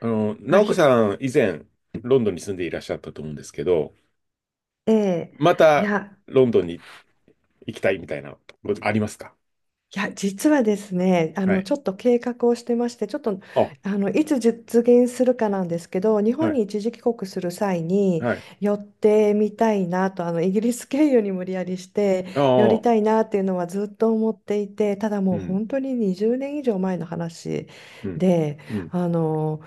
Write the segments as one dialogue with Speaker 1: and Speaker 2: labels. Speaker 1: あ、
Speaker 2: 直子さん、以前、ロンドンに住んでいらっしゃったと思うんですけど、
Speaker 1: ええ。
Speaker 2: ま
Speaker 1: い
Speaker 2: た、
Speaker 1: や、
Speaker 2: ロンドンに行きたいみたいな、ことありますか？
Speaker 1: いや、実はですね、
Speaker 2: はい。
Speaker 1: ちょっと計画をしてまして、ちょっと、
Speaker 2: あ、は
Speaker 1: いつ実現するかなんですけど、日
Speaker 2: い、
Speaker 1: 本に一時帰国する際に
Speaker 2: はい。
Speaker 1: 寄ってみたいなと、イギリス経由に無理やりして
Speaker 2: あ
Speaker 1: 寄り
Speaker 2: あ、
Speaker 1: たいなっていうのはずっと思っていて、ただ
Speaker 2: う
Speaker 1: もう
Speaker 2: ん、
Speaker 1: 本当に20年以上前の話
Speaker 2: うん、
Speaker 1: で、
Speaker 2: うん、
Speaker 1: あの、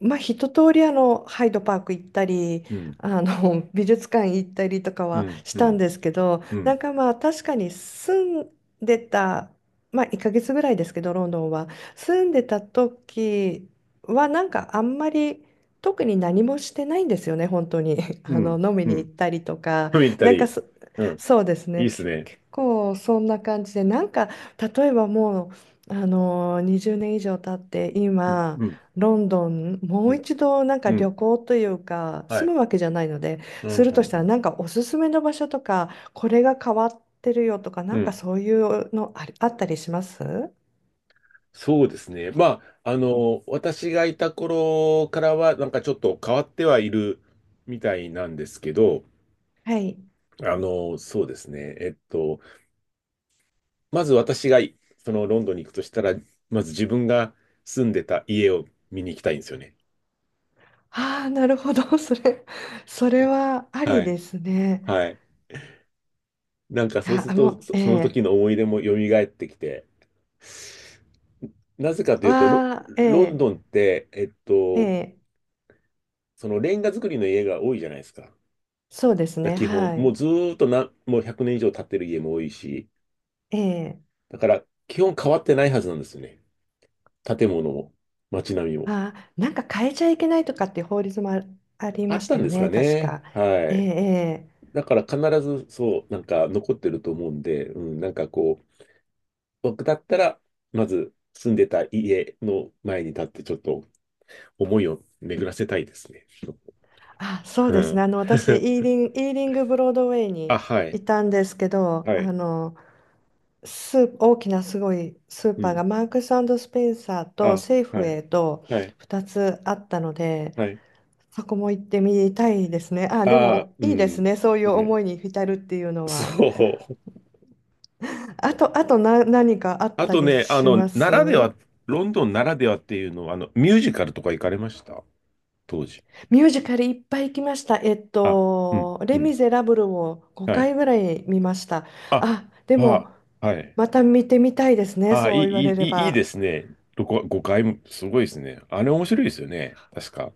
Speaker 1: まあ、一通りハイドパーク行ったり
Speaker 2: うん、
Speaker 1: 美術館行ったりとか
Speaker 2: う
Speaker 1: は
Speaker 2: ん、
Speaker 1: し
Speaker 2: う
Speaker 1: たん
Speaker 2: ん、
Speaker 1: ですけど、
Speaker 2: う
Speaker 1: なん
Speaker 2: ん、
Speaker 1: かまあ確かに住ん出た、まあ、1ヶ月ぐらいですけどロンドンは住んでた時はなんかあんまり特に何もしてないんですよね、本当に。
Speaker 2: うん、
Speaker 1: 飲み
Speaker 2: う
Speaker 1: に行っ
Speaker 2: ん。
Speaker 1: たりとか。
Speaker 2: ミリタ
Speaker 1: なんか
Speaker 2: リー。
Speaker 1: そ、
Speaker 2: うん。
Speaker 1: そうです
Speaker 2: いい
Speaker 1: ね
Speaker 2: っす
Speaker 1: け、
Speaker 2: ね。
Speaker 1: 結構そんな感じでなんか、例えばもう20年以上経って
Speaker 2: うん、
Speaker 1: 今
Speaker 2: うん、
Speaker 1: ロンドンも
Speaker 2: う
Speaker 1: う
Speaker 2: ん、
Speaker 1: 一度なんか
Speaker 2: う
Speaker 1: 旅
Speaker 2: ん。
Speaker 1: 行というか
Speaker 2: は
Speaker 1: 住
Speaker 2: い。
Speaker 1: むわけじゃないので、
Speaker 2: うん、
Speaker 1: する
Speaker 2: う
Speaker 1: と
Speaker 2: ん、
Speaker 1: した
Speaker 2: う
Speaker 1: ら
Speaker 2: ん。
Speaker 1: なんかおすすめの場所とかこれが変わってるよとか、な
Speaker 2: う
Speaker 1: んか
Speaker 2: ん、
Speaker 1: そういうのあったりします
Speaker 2: そうですね。まあ、私がいた頃からは、なんかちょっと変わってはいるみたいなんですけど、
Speaker 1: はい。
Speaker 2: そうですね。まず私がいそのロンドンに行くとしたら、まず自分が住んでた家を見に行きたいんですよね。
Speaker 1: ああ、なるほど。それはあ
Speaker 2: は
Speaker 1: り
Speaker 2: い。
Speaker 1: ですね。
Speaker 2: はい。なんか
Speaker 1: い
Speaker 2: そうす
Speaker 1: や、
Speaker 2: る
Speaker 1: あも
Speaker 2: と、
Speaker 1: う、え
Speaker 2: その時
Speaker 1: え、
Speaker 2: の思い出も蘇ってきて、なぜかというと、
Speaker 1: わあ、え
Speaker 2: ロン
Speaker 1: え、
Speaker 2: ドンって、
Speaker 1: ええ、
Speaker 2: そのレンガ造りの家が多いじゃないですか。だか
Speaker 1: そうです
Speaker 2: ら
Speaker 1: ね。
Speaker 2: 基本、
Speaker 1: は
Speaker 2: も
Speaker 1: い。
Speaker 2: うずーっとな、もう100年以上経ってる家も多いし、
Speaker 1: ええ、
Speaker 2: だから基本変わってないはずなんですよね。建物も、街並みも。
Speaker 1: ああ、なんか変えちゃいけないとかっていう法律もあり
Speaker 2: あ
Speaker 1: ま
Speaker 2: っ
Speaker 1: し
Speaker 2: た
Speaker 1: た
Speaker 2: ん
Speaker 1: よ
Speaker 2: ですか
Speaker 1: ね、確
Speaker 2: ね。
Speaker 1: か。
Speaker 2: は
Speaker 1: ええ、
Speaker 2: い。
Speaker 1: ええ、
Speaker 2: だから必ずそう、なんか残ってると思うんで、うん、なんかこう、僕だったら、まず住んでた家の前に立ってちょっと思いを巡らせたいですね。
Speaker 1: あ、そう
Speaker 2: う
Speaker 1: です
Speaker 2: ん。
Speaker 1: ね。あの、私、イーリングブロードウェイ
Speaker 2: あ、
Speaker 1: に
Speaker 2: はい。
Speaker 1: いたんですけど、
Speaker 2: はい。
Speaker 1: 大きなすごいスー
Speaker 2: う
Speaker 1: パー
Speaker 2: ん。
Speaker 1: がマークススペンサーと
Speaker 2: あ、
Speaker 1: セーフウ
Speaker 2: はい。
Speaker 1: ェイと
Speaker 2: はい。
Speaker 1: 2つあったので、
Speaker 2: はい。
Speaker 1: そこも行ってみたいですね。あ、で
Speaker 2: あ、
Speaker 1: も
Speaker 2: う
Speaker 1: いいです
Speaker 2: ん。
Speaker 1: ね。そうい
Speaker 2: う
Speaker 1: う思
Speaker 2: ん。
Speaker 1: いに浸るっていうの
Speaker 2: そ
Speaker 1: は。
Speaker 2: う。
Speaker 1: あと、何かあっ
Speaker 2: あ
Speaker 1: た
Speaker 2: と
Speaker 1: り
Speaker 2: ね、
Speaker 1: しま
Speaker 2: ならで
Speaker 1: す
Speaker 2: は、ロンドンならではっていうのは、ミュージカルとか行かれました？当時。
Speaker 1: ミュージカルいっぱい行きました。
Speaker 2: あ、うん、う
Speaker 1: レ・
Speaker 2: ん。
Speaker 1: ミゼラブルを
Speaker 2: は
Speaker 1: 5
Speaker 2: い。
Speaker 1: 回ぐらい見ました。
Speaker 2: あ、
Speaker 1: あ、でも、
Speaker 2: あ、はい。
Speaker 1: また見てみたいですね。
Speaker 2: ああ、
Speaker 1: そ
Speaker 2: い
Speaker 1: う言われ
Speaker 2: い、い
Speaker 1: れ
Speaker 2: い、いい
Speaker 1: ば。
Speaker 2: ですね。5、5回も、すごいですね。あれ面白いですよね。確か。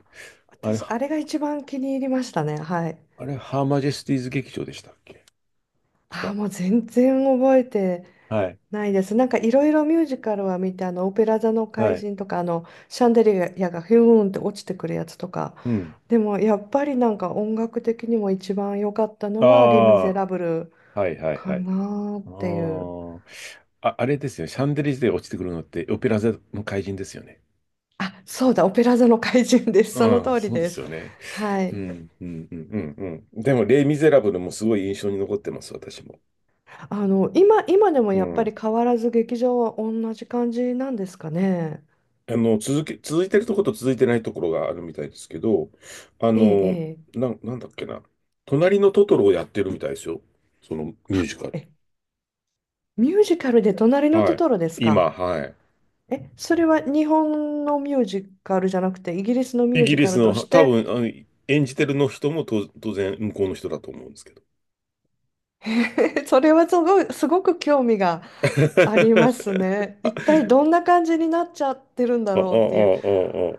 Speaker 2: あれ、
Speaker 1: 私、あれが一番気に入りましたね。はい。
Speaker 2: あれ、ハーマジェスティーズ劇場でしたっけ？
Speaker 1: ああ、
Speaker 2: 確
Speaker 1: もう全然覚えて
Speaker 2: か。はい。
Speaker 1: ないです。なんかいろいろミュージカルは見て、オペラ座の怪
Speaker 2: はい。
Speaker 1: 人とか、シャンデリアがヒューンって落ちてくるやつとか。
Speaker 2: うん。
Speaker 1: でもやっぱりなんか音楽的にも一番良かったのは、レ・ミゼ
Speaker 2: あ
Speaker 1: ラブル
Speaker 2: あ、はいはい
Speaker 1: か
Speaker 2: はい。
Speaker 1: なーっ
Speaker 2: あ
Speaker 1: ていう。
Speaker 2: ー、あ、あれですよね。シャンデリアで落ちてくるのって、オペラ座の怪人ですよね。
Speaker 1: あ、そうだ、オペラ座の怪人です。その
Speaker 2: うん、
Speaker 1: 通り
Speaker 2: そうで
Speaker 1: で
Speaker 2: す
Speaker 1: す。
Speaker 2: よね。
Speaker 1: は
Speaker 2: う
Speaker 1: い。
Speaker 2: ん、うん、うん、うん。うん、でも、レイ・ミゼラブルもすごい印象に残ってます、私も。
Speaker 1: 今でも
Speaker 2: う
Speaker 1: やっぱり
Speaker 2: ん、
Speaker 1: 変わらず劇場は同じ感じなんですかね？
Speaker 2: 続いてるところと続いてないところがあるみたいですけど、あ
Speaker 1: ええ、え
Speaker 2: の、
Speaker 1: え。
Speaker 2: なんだっけな。隣のトトロをやってるみたいですよ。そのミュー
Speaker 1: は
Speaker 2: ジカル。
Speaker 1: え、ミュージカルで隣の
Speaker 2: は
Speaker 1: ト
Speaker 2: い。
Speaker 1: トロですか？
Speaker 2: 今、はい。
Speaker 1: え、それは日本のミュージカルじゃなくて、イギリスのミュ
Speaker 2: イ
Speaker 1: ー
Speaker 2: ギ
Speaker 1: ジ
Speaker 2: リ
Speaker 1: カ
Speaker 2: ス
Speaker 1: ルとし
Speaker 2: の、多
Speaker 1: て、
Speaker 2: 分、演じてるの人もと当然向こうの人だと思うんですけど。
Speaker 1: それはすごく興味がありますね。
Speaker 2: あ、あ、
Speaker 1: 一体どんな感じになっちゃってるんだ
Speaker 2: あ、あ、あ
Speaker 1: ろうっていう、
Speaker 2: あ、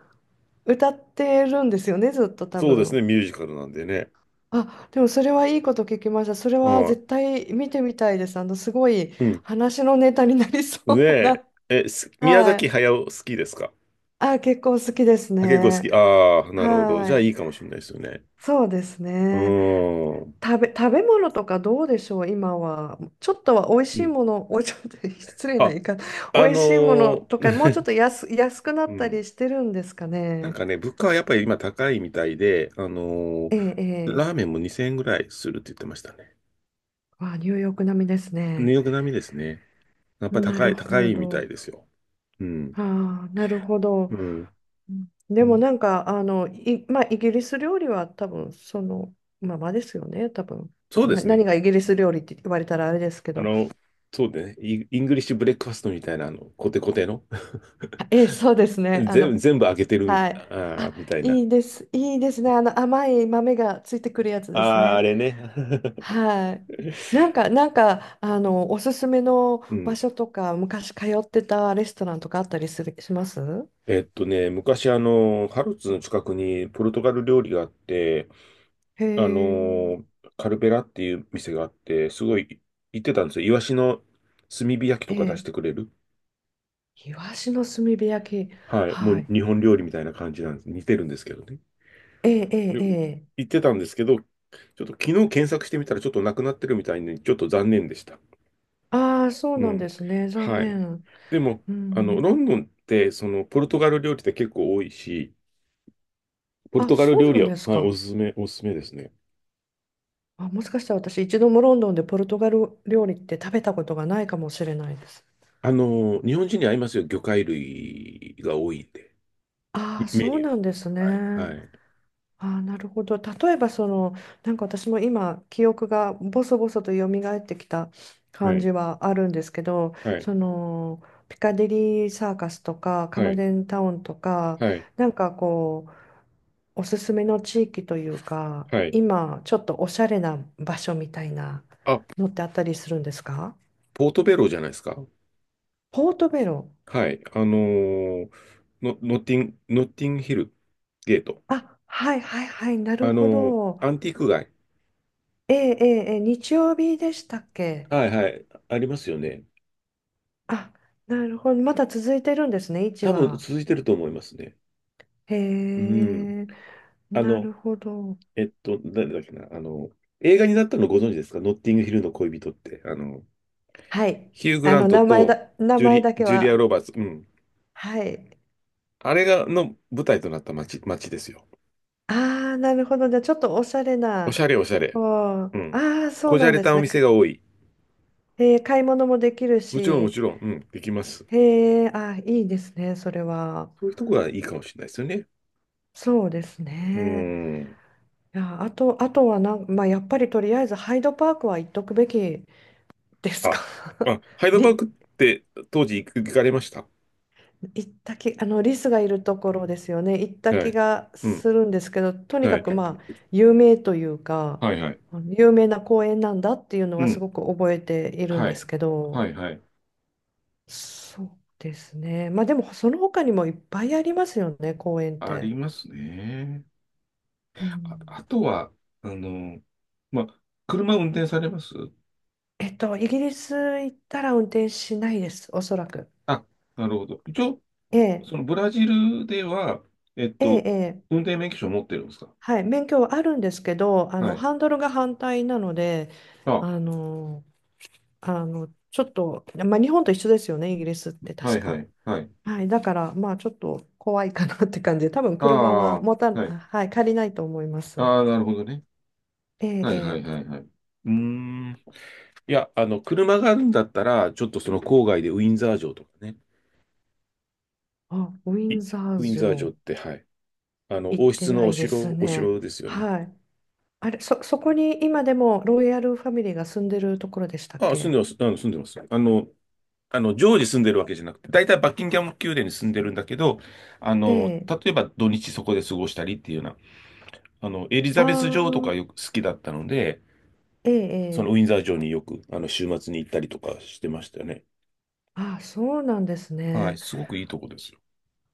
Speaker 1: 歌ってるんですよね、ずっと多
Speaker 2: そうです
Speaker 1: 分。
Speaker 2: ね、ミュージカルなんでね。
Speaker 1: あ、でもそれはいいこと聞きました。それは
Speaker 2: はい。
Speaker 1: 絶対見てみたいです。すごい
Speaker 2: うん。
Speaker 1: 話のネタになりそう
Speaker 2: で、
Speaker 1: な。
Speaker 2: 宮
Speaker 1: は
Speaker 2: 崎
Speaker 1: い。
Speaker 2: 駿好きですか？
Speaker 1: あ、結構好きです
Speaker 2: あ、結構好
Speaker 1: ね。
Speaker 2: き。ああ、なるほど。じ
Speaker 1: は
Speaker 2: ゃあい
Speaker 1: い。
Speaker 2: いかもしれないですよね。
Speaker 1: そうです
Speaker 2: う
Speaker 1: ね。
Speaker 2: ーん。
Speaker 1: 食べ物とかどうでしょう、今は。ちょっとは美味
Speaker 2: う
Speaker 1: しい
Speaker 2: ん。
Speaker 1: もの、おい、ちょっと 失礼な
Speaker 2: あ、
Speaker 1: 言い方、
Speaker 2: あ
Speaker 1: 美味しいもの
Speaker 2: の
Speaker 1: とか、もうちょっ
Speaker 2: ー、
Speaker 1: と安くな
Speaker 2: う
Speaker 1: ったり
Speaker 2: ん。
Speaker 1: してるんですか
Speaker 2: なん
Speaker 1: ね？
Speaker 2: かね、物価はやっぱり今高いみたいで、あのー
Speaker 1: ええ、ええ。
Speaker 2: ラーメンも2000円ぐらいするって言ってましたね。
Speaker 1: わあ、ニューヨーク並みです
Speaker 2: ニュー
Speaker 1: ね。
Speaker 2: ヨーク並みですね。やっぱり
Speaker 1: な
Speaker 2: 高
Speaker 1: る
Speaker 2: い、高
Speaker 1: ほ
Speaker 2: いみた
Speaker 1: ど。
Speaker 2: いですよ。うん。
Speaker 1: ああ、なるほど。
Speaker 2: うん。
Speaker 1: うん、で
Speaker 2: う
Speaker 1: も
Speaker 2: ん、
Speaker 1: なんか、まあ、イギリス料理は多分そのままですよね、多分。
Speaker 2: そうで
Speaker 1: まあ、
Speaker 2: す
Speaker 1: 何
Speaker 2: ね。
Speaker 1: がイギリス料理って言われたらあれですけ
Speaker 2: あ
Speaker 1: ど。
Speaker 2: の、そうでね、イイングリッシュブレックファストみたいな、コテコテの
Speaker 1: あええ、そうですね。
Speaker 2: 全部、全部開けてるみたい、
Speaker 1: はい。
Speaker 2: あ
Speaker 1: あ、
Speaker 2: ーみたいな。
Speaker 1: いいです。いいですね。あの甘い豆がついてくるやつです
Speaker 2: ああ、あ
Speaker 1: ね。
Speaker 2: れね。
Speaker 1: はい。なんか、おすすめの
Speaker 2: う
Speaker 1: 場
Speaker 2: ん。
Speaker 1: 所とか、昔通ってたレストランとかあったりする、します
Speaker 2: 昔あの、ハルツの近くにポルトガル料理があって、
Speaker 1: へ
Speaker 2: あ
Speaker 1: え、
Speaker 2: の、カルベラっていう店があって、すごい行ってたんですよ。イワシの炭火焼き
Speaker 1: え
Speaker 2: とか出し
Speaker 1: え。
Speaker 2: てくれる。
Speaker 1: イワシの炭火焼き。
Speaker 2: はい。も
Speaker 1: は
Speaker 2: う
Speaker 1: い。
Speaker 2: 日本料理みたいな感じなんです。似てるんですけどね。
Speaker 1: ええ、え
Speaker 2: で
Speaker 1: え、ええ。
Speaker 2: 行ってたんですけど、ちょっと昨日検索してみたらちょっとなくなってるみたいに、ちょっと残念でした。
Speaker 1: ああ、そう
Speaker 2: う
Speaker 1: なんで
Speaker 2: ん。
Speaker 1: すね。残
Speaker 2: はい。
Speaker 1: 念。
Speaker 2: でも、
Speaker 1: うん。
Speaker 2: ロンドンって、その、ポルトガル料理って結構多いし、ポル
Speaker 1: あ、
Speaker 2: トガル
Speaker 1: そ
Speaker 2: 料
Speaker 1: うな
Speaker 2: 理
Speaker 1: ん
Speaker 2: は、
Speaker 1: です
Speaker 2: はい、お
Speaker 1: か？
Speaker 2: すすめ、おすすめですね。
Speaker 1: あ、もしかしたら私、一度もロンドンでポルトガル料理って食べたことがないかもしれないです。
Speaker 2: 日本人に合いますよ。魚介類が多いんで。
Speaker 1: ああ、
Speaker 2: メ
Speaker 1: そ
Speaker 2: ニ
Speaker 1: う
Speaker 2: ュー。
Speaker 1: なんです
Speaker 2: は
Speaker 1: ね。
Speaker 2: い。はい。
Speaker 1: ああ、なるほど。例えば、その、なんか私も今、記憶がボソボソと蘇ってきた
Speaker 2: は
Speaker 1: 感
Speaker 2: い。
Speaker 1: じはあるんですけど、
Speaker 2: はい。
Speaker 1: その、ピカデリーサーカスとか、カムデンタウンとか、
Speaker 2: はい。
Speaker 1: なんかこう、おすすめの地域というか、
Speaker 2: はい。
Speaker 1: 今、ちょっとおしゃれな場所みたいな
Speaker 2: あ、
Speaker 1: のってあったりするんですか？
Speaker 2: ポートベローじゃないですか。
Speaker 1: ポートベロ。
Speaker 2: はい。あのーの、ノッティンヒルゲート。
Speaker 1: あ、はいはいはい、なる
Speaker 2: あ
Speaker 1: ほ
Speaker 2: のー
Speaker 1: ど。
Speaker 2: アンティーク街。
Speaker 1: ええええ、ええ日曜日でしたっけ？
Speaker 2: はいはい。ありますよね。
Speaker 1: あ、なるほど。まだ続いてるんですね、1
Speaker 2: 多分
Speaker 1: は。
Speaker 2: 続いてると思いますね。
Speaker 1: へ
Speaker 2: うん。
Speaker 1: え、
Speaker 2: あ
Speaker 1: な
Speaker 2: の、
Speaker 1: るほど。
Speaker 2: 誰だっけな。映画になったのご存知ですか？ノッティングヒルの恋人って。あの、
Speaker 1: はい。
Speaker 2: ヒュー・グラントと
Speaker 1: 名前だけ
Speaker 2: ジュリア・
Speaker 1: は。
Speaker 2: ロバーツ。うん。
Speaker 1: はい。
Speaker 2: あれが、の舞台となった街、街ですよ。
Speaker 1: ああ、なるほど。じゃあ、ちょっとおしゃれな。
Speaker 2: おしゃれおしゃれ。
Speaker 1: あ
Speaker 2: う
Speaker 1: あ
Speaker 2: ん。
Speaker 1: ー、そう
Speaker 2: こじ
Speaker 1: な
Speaker 2: ゃ
Speaker 1: ん
Speaker 2: れ
Speaker 1: で
Speaker 2: た
Speaker 1: す
Speaker 2: お
Speaker 1: ね。
Speaker 2: 店が多い。
Speaker 1: へえ、買い物もできる
Speaker 2: もちろんも
Speaker 1: し。
Speaker 2: ちろん、うん、できます。
Speaker 1: へえ、あー、いいですね、それは。
Speaker 2: そういうとこがいいかもしれないですよね。
Speaker 1: そうです
Speaker 2: うー
Speaker 1: ね。
Speaker 2: ん。
Speaker 1: いや、あとはなん、まあ、やっぱりとりあえずハイドパークは行っとくべきです
Speaker 2: あ、
Speaker 1: か？
Speaker 2: あ、ハイドパーク
Speaker 1: り、
Speaker 2: って当時行かれました？
Speaker 1: 行った気、リスがいるところですよね。行った
Speaker 2: はい。
Speaker 1: 気が
Speaker 2: うん。
Speaker 1: するんですけど、とに
Speaker 2: は
Speaker 1: か
Speaker 2: い。
Speaker 1: くまあ、有名というか、
Speaker 2: はいはい。
Speaker 1: あの有名な公園なんだっていうの
Speaker 2: う
Speaker 1: はす
Speaker 2: ん。
Speaker 1: ごく覚えているん
Speaker 2: は
Speaker 1: です
Speaker 2: い。
Speaker 1: けど、
Speaker 2: はいはい。
Speaker 1: そうですね。まあでも、その他にもいっぱいありますよね、公園っ
Speaker 2: あ
Speaker 1: て。
Speaker 2: りますね。
Speaker 1: う
Speaker 2: あ、
Speaker 1: ん、
Speaker 2: あとは、あの、ま、車運転されます？
Speaker 1: イギリス行ったら運転しないです、おそらく。
Speaker 2: あ、なるほど。一応、
Speaker 1: ええ、
Speaker 2: そのブラジルでは、えっ
Speaker 1: え
Speaker 2: と、
Speaker 1: え、ええ、
Speaker 2: 運転免許証を持ってるんですか？
Speaker 1: はい、免許はあるんですけど、
Speaker 2: はい。
Speaker 1: ハンドルが反対なので、
Speaker 2: あ、
Speaker 1: あの、ちょっと、まあ、日本と一緒ですよね、イギリスって
Speaker 2: は
Speaker 1: 確
Speaker 2: いは
Speaker 1: か。
Speaker 2: い、はい。
Speaker 1: はい、だから、まあ、ちょっと怖いかなって感じで、多分
Speaker 2: あ
Speaker 1: 車は
Speaker 2: あ、はい。
Speaker 1: あ、はい、借りないと思います。
Speaker 2: ああ、なるほどね。
Speaker 1: ええ、
Speaker 2: はいは
Speaker 1: え
Speaker 2: いは
Speaker 1: え、
Speaker 2: いはい。うーん。いや、車があるんだったら、ちょっとその郊外でウィンザー城とかね。
Speaker 1: あ、ウィ
Speaker 2: い
Speaker 1: ンザー
Speaker 2: ウィンザー城っ
Speaker 1: 城、
Speaker 2: て、はい。
Speaker 1: 行っ
Speaker 2: 王
Speaker 1: て
Speaker 2: 室
Speaker 1: な
Speaker 2: のお
Speaker 1: いです
Speaker 2: 城、お城
Speaker 1: ね。
Speaker 2: ですよね。
Speaker 1: はい。あれ、そこに今でもロイヤルファミリーが住んでるところでしたっ
Speaker 2: ああ、住んで
Speaker 1: け？
Speaker 2: ます。あの、住んでます。あの、常時住んでるわけじゃなくて、大体バッキンガム宮殿に住んでるんだけど、
Speaker 1: ええ、
Speaker 2: 例えば土日そこで過ごしたりっていうような、エリ
Speaker 1: あ
Speaker 2: ザベス女王とかよく
Speaker 1: あ、
Speaker 2: 好きだったので、
Speaker 1: ええ、
Speaker 2: その
Speaker 1: ええ、
Speaker 2: ウィンザー城によく、週末に行ったりとかしてましたよね。
Speaker 1: あ、そうなんです
Speaker 2: はい、
Speaker 1: ね。
Speaker 2: すごくいいとこですよ。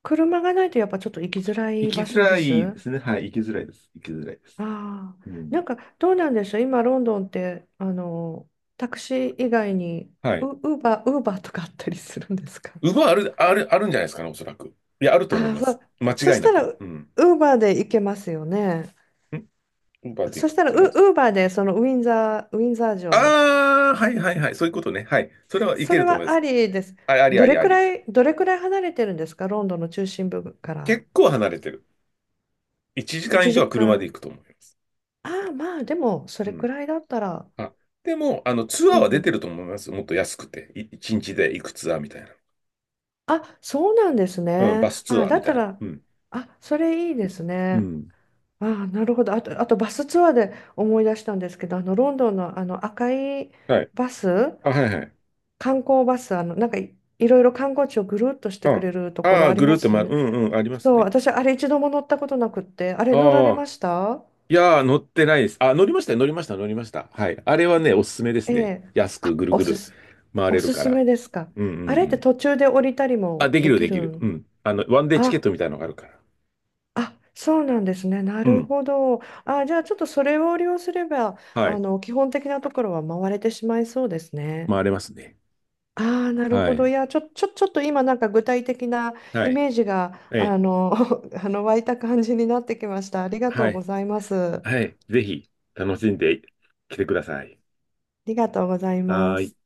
Speaker 1: 車がないとやっぱちょっと行きづら
Speaker 2: 行
Speaker 1: い
Speaker 2: き
Speaker 1: 場
Speaker 2: づ
Speaker 1: 所で
Speaker 2: らい
Speaker 1: す。
Speaker 2: ですね。はい、行きづらいです。行きづらいです。
Speaker 1: ああ、
Speaker 2: う
Speaker 1: な
Speaker 2: ん。
Speaker 1: んかどうなんでしょう、今ロンドンってタクシー以外に
Speaker 2: はい。
Speaker 1: ウーバーとかあったりするんですか？
Speaker 2: ウバある、ある、あるんじゃないですかね、おそらく。いや、あると思
Speaker 1: あ
Speaker 2: い
Speaker 1: あ、
Speaker 2: ま
Speaker 1: そ
Speaker 2: す。
Speaker 1: う、
Speaker 2: 間
Speaker 1: そ
Speaker 2: 違い
Speaker 1: し
Speaker 2: な
Speaker 1: たら
Speaker 2: く。
Speaker 1: ウ
Speaker 2: うん。
Speaker 1: ーバーで行けますよね。
Speaker 2: ん、ウバで
Speaker 1: そ
Speaker 2: 行
Speaker 1: し
Speaker 2: くっ
Speaker 1: たら
Speaker 2: ていうのは。
Speaker 1: ウーバーでそのウィンザー城、
Speaker 2: ああ、はいはいはい。そういうことね。はい。それはい
Speaker 1: そ
Speaker 2: け
Speaker 1: れ
Speaker 2: ると思い
Speaker 1: は
Speaker 2: ま
Speaker 1: あ
Speaker 2: す。
Speaker 1: りです。
Speaker 2: ありありありあり。
Speaker 1: どれくらい離れてるんですか、ロンドンの中心部から？
Speaker 2: 結構離れてる。1時間
Speaker 1: 1
Speaker 2: 以上は
Speaker 1: 時
Speaker 2: 車で
Speaker 1: 間。
Speaker 2: 行くと思います。
Speaker 1: ああ、まあでもそ
Speaker 2: う
Speaker 1: れく
Speaker 2: ん。
Speaker 1: らいだったら。
Speaker 2: あ、でも、ツア
Speaker 1: う
Speaker 2: ーは出てる
Speaker 1: ん、
Speaker 2: と思います。もっと安くて。一日で行くツアーみたいな。
Speaker 1: あ、そうなんです
Speaker 2: うん、
Speaker 1: ね。
Speaker 2: バスツ
Speaker 1: あ、
Speaker 2: アー
Speaker 1: だ
Speaker 2: み
Speaker 1: った
Speaker 2: たいな。
Speaker 1: ら、
Speaker 2: うん。
Speaker 1: あ、それいいです
Speaker 2: う
Speaker 1: ね。
Speaker 2: ん。
Speaker 1: あ、なるほど。あとバスツアーで思い出したんですけど、あのロンドンのあの赤い
Speaker 2: はい。
Speaker 1: バス、
Speaker 2: あ、はいはい。
Speaker 1: 観光バス、いろいろ観光地をぐるっとしてく
Speaker 2: あ、
Speaker 1: れるとこ
Speaker 2: あ
Speaker 1: ろ
Speaker 2: あ、
Speaker 1: あり
Speaker 2: ぐる
Speaker 1: ま
Speaker 2: っと
Speaker 1: すよ
Speaker 2: 回る。
Speaker 1: ね。
Speaker 2: うんうん、あります
Speaker 1: そう、
Speaker 2: ね。
Speaker 1: 私あれ一度も乗ったことなくって、あれ乗られ
Speaker 2: ああ。
Speaker 1: ました
Speaker 2: いやー、乗ってないです。あ、乗りましたよ、乗りました、乗りました。はい。あれはね、おすすめです
Speaker 1: え
Speaker 2: ね。
Speaker 1: え、
Speaker 2: 安くぐる
Speaker 1: お
Speaker 2: ぐ
Speaker 1: す
Speaker 2: る
Speaker 1: す、
Speaker 2: 回
Speaker 1: お
Speaker 2: れる
Speaker 1: す
Speaker 2: か
Speaker 1: す
Speaker 2: ら。
Speaker 1: めですか？
Speaker 2: うんうん
Speaker 1: あ
Speaker 2: う
Speaker 1: れって
Speaker 2: ん。
Speaker 1: 途中で降りたり
Speaker 2: あ、
Speaker 1: も
Speaker 2: でき
Speaker 1: で
Speaker 2: る、
Speaker 1: き
Speaker 2: で
Speaker 1: る
Speaker 2: きる。う
Speaker 1: ん？
Speaker 2: ん。ワンデーチケッ
Speaker 1: あ、
Speaker 2: トみたいなのがあるから。
Speaker 1: あ、そうなんですね。な
Speaker 2: う
Speaker 1: る
Speaker 2: ん。
Speaker 1: ほど。あ、じゃあちょっとそれを利用すれば、
Speaker 2: は
Speaker 1: あ
Speaker 2: い。
Speaker 1: の、基本的なところは回れてしまいそうですね。
Speaker 2: 回れますね。
Speaker 1: ああ、なる
Speaker 2: は
Speaker 1: ほど。
Speaker 2: い。
Speaker 1: いや、ちょっと今なんか具体的な
Speaker 2: は
Speaker 1: イ
Speaker 2: い。
Speaker 1: メージが、
Speaker 2: ええ。
Speaker 1: 湧いた感じになってきました。ありがと
Speaker 2: は
Speaker 1: うご
Speaker 2: い。
Speaker 1: ざいます。あ
Speaker 2: はい。ぜひ、楽しんできてください。
Speaker 1: りがとうございま
Speaker 2: はーい。
Speaker 1: す。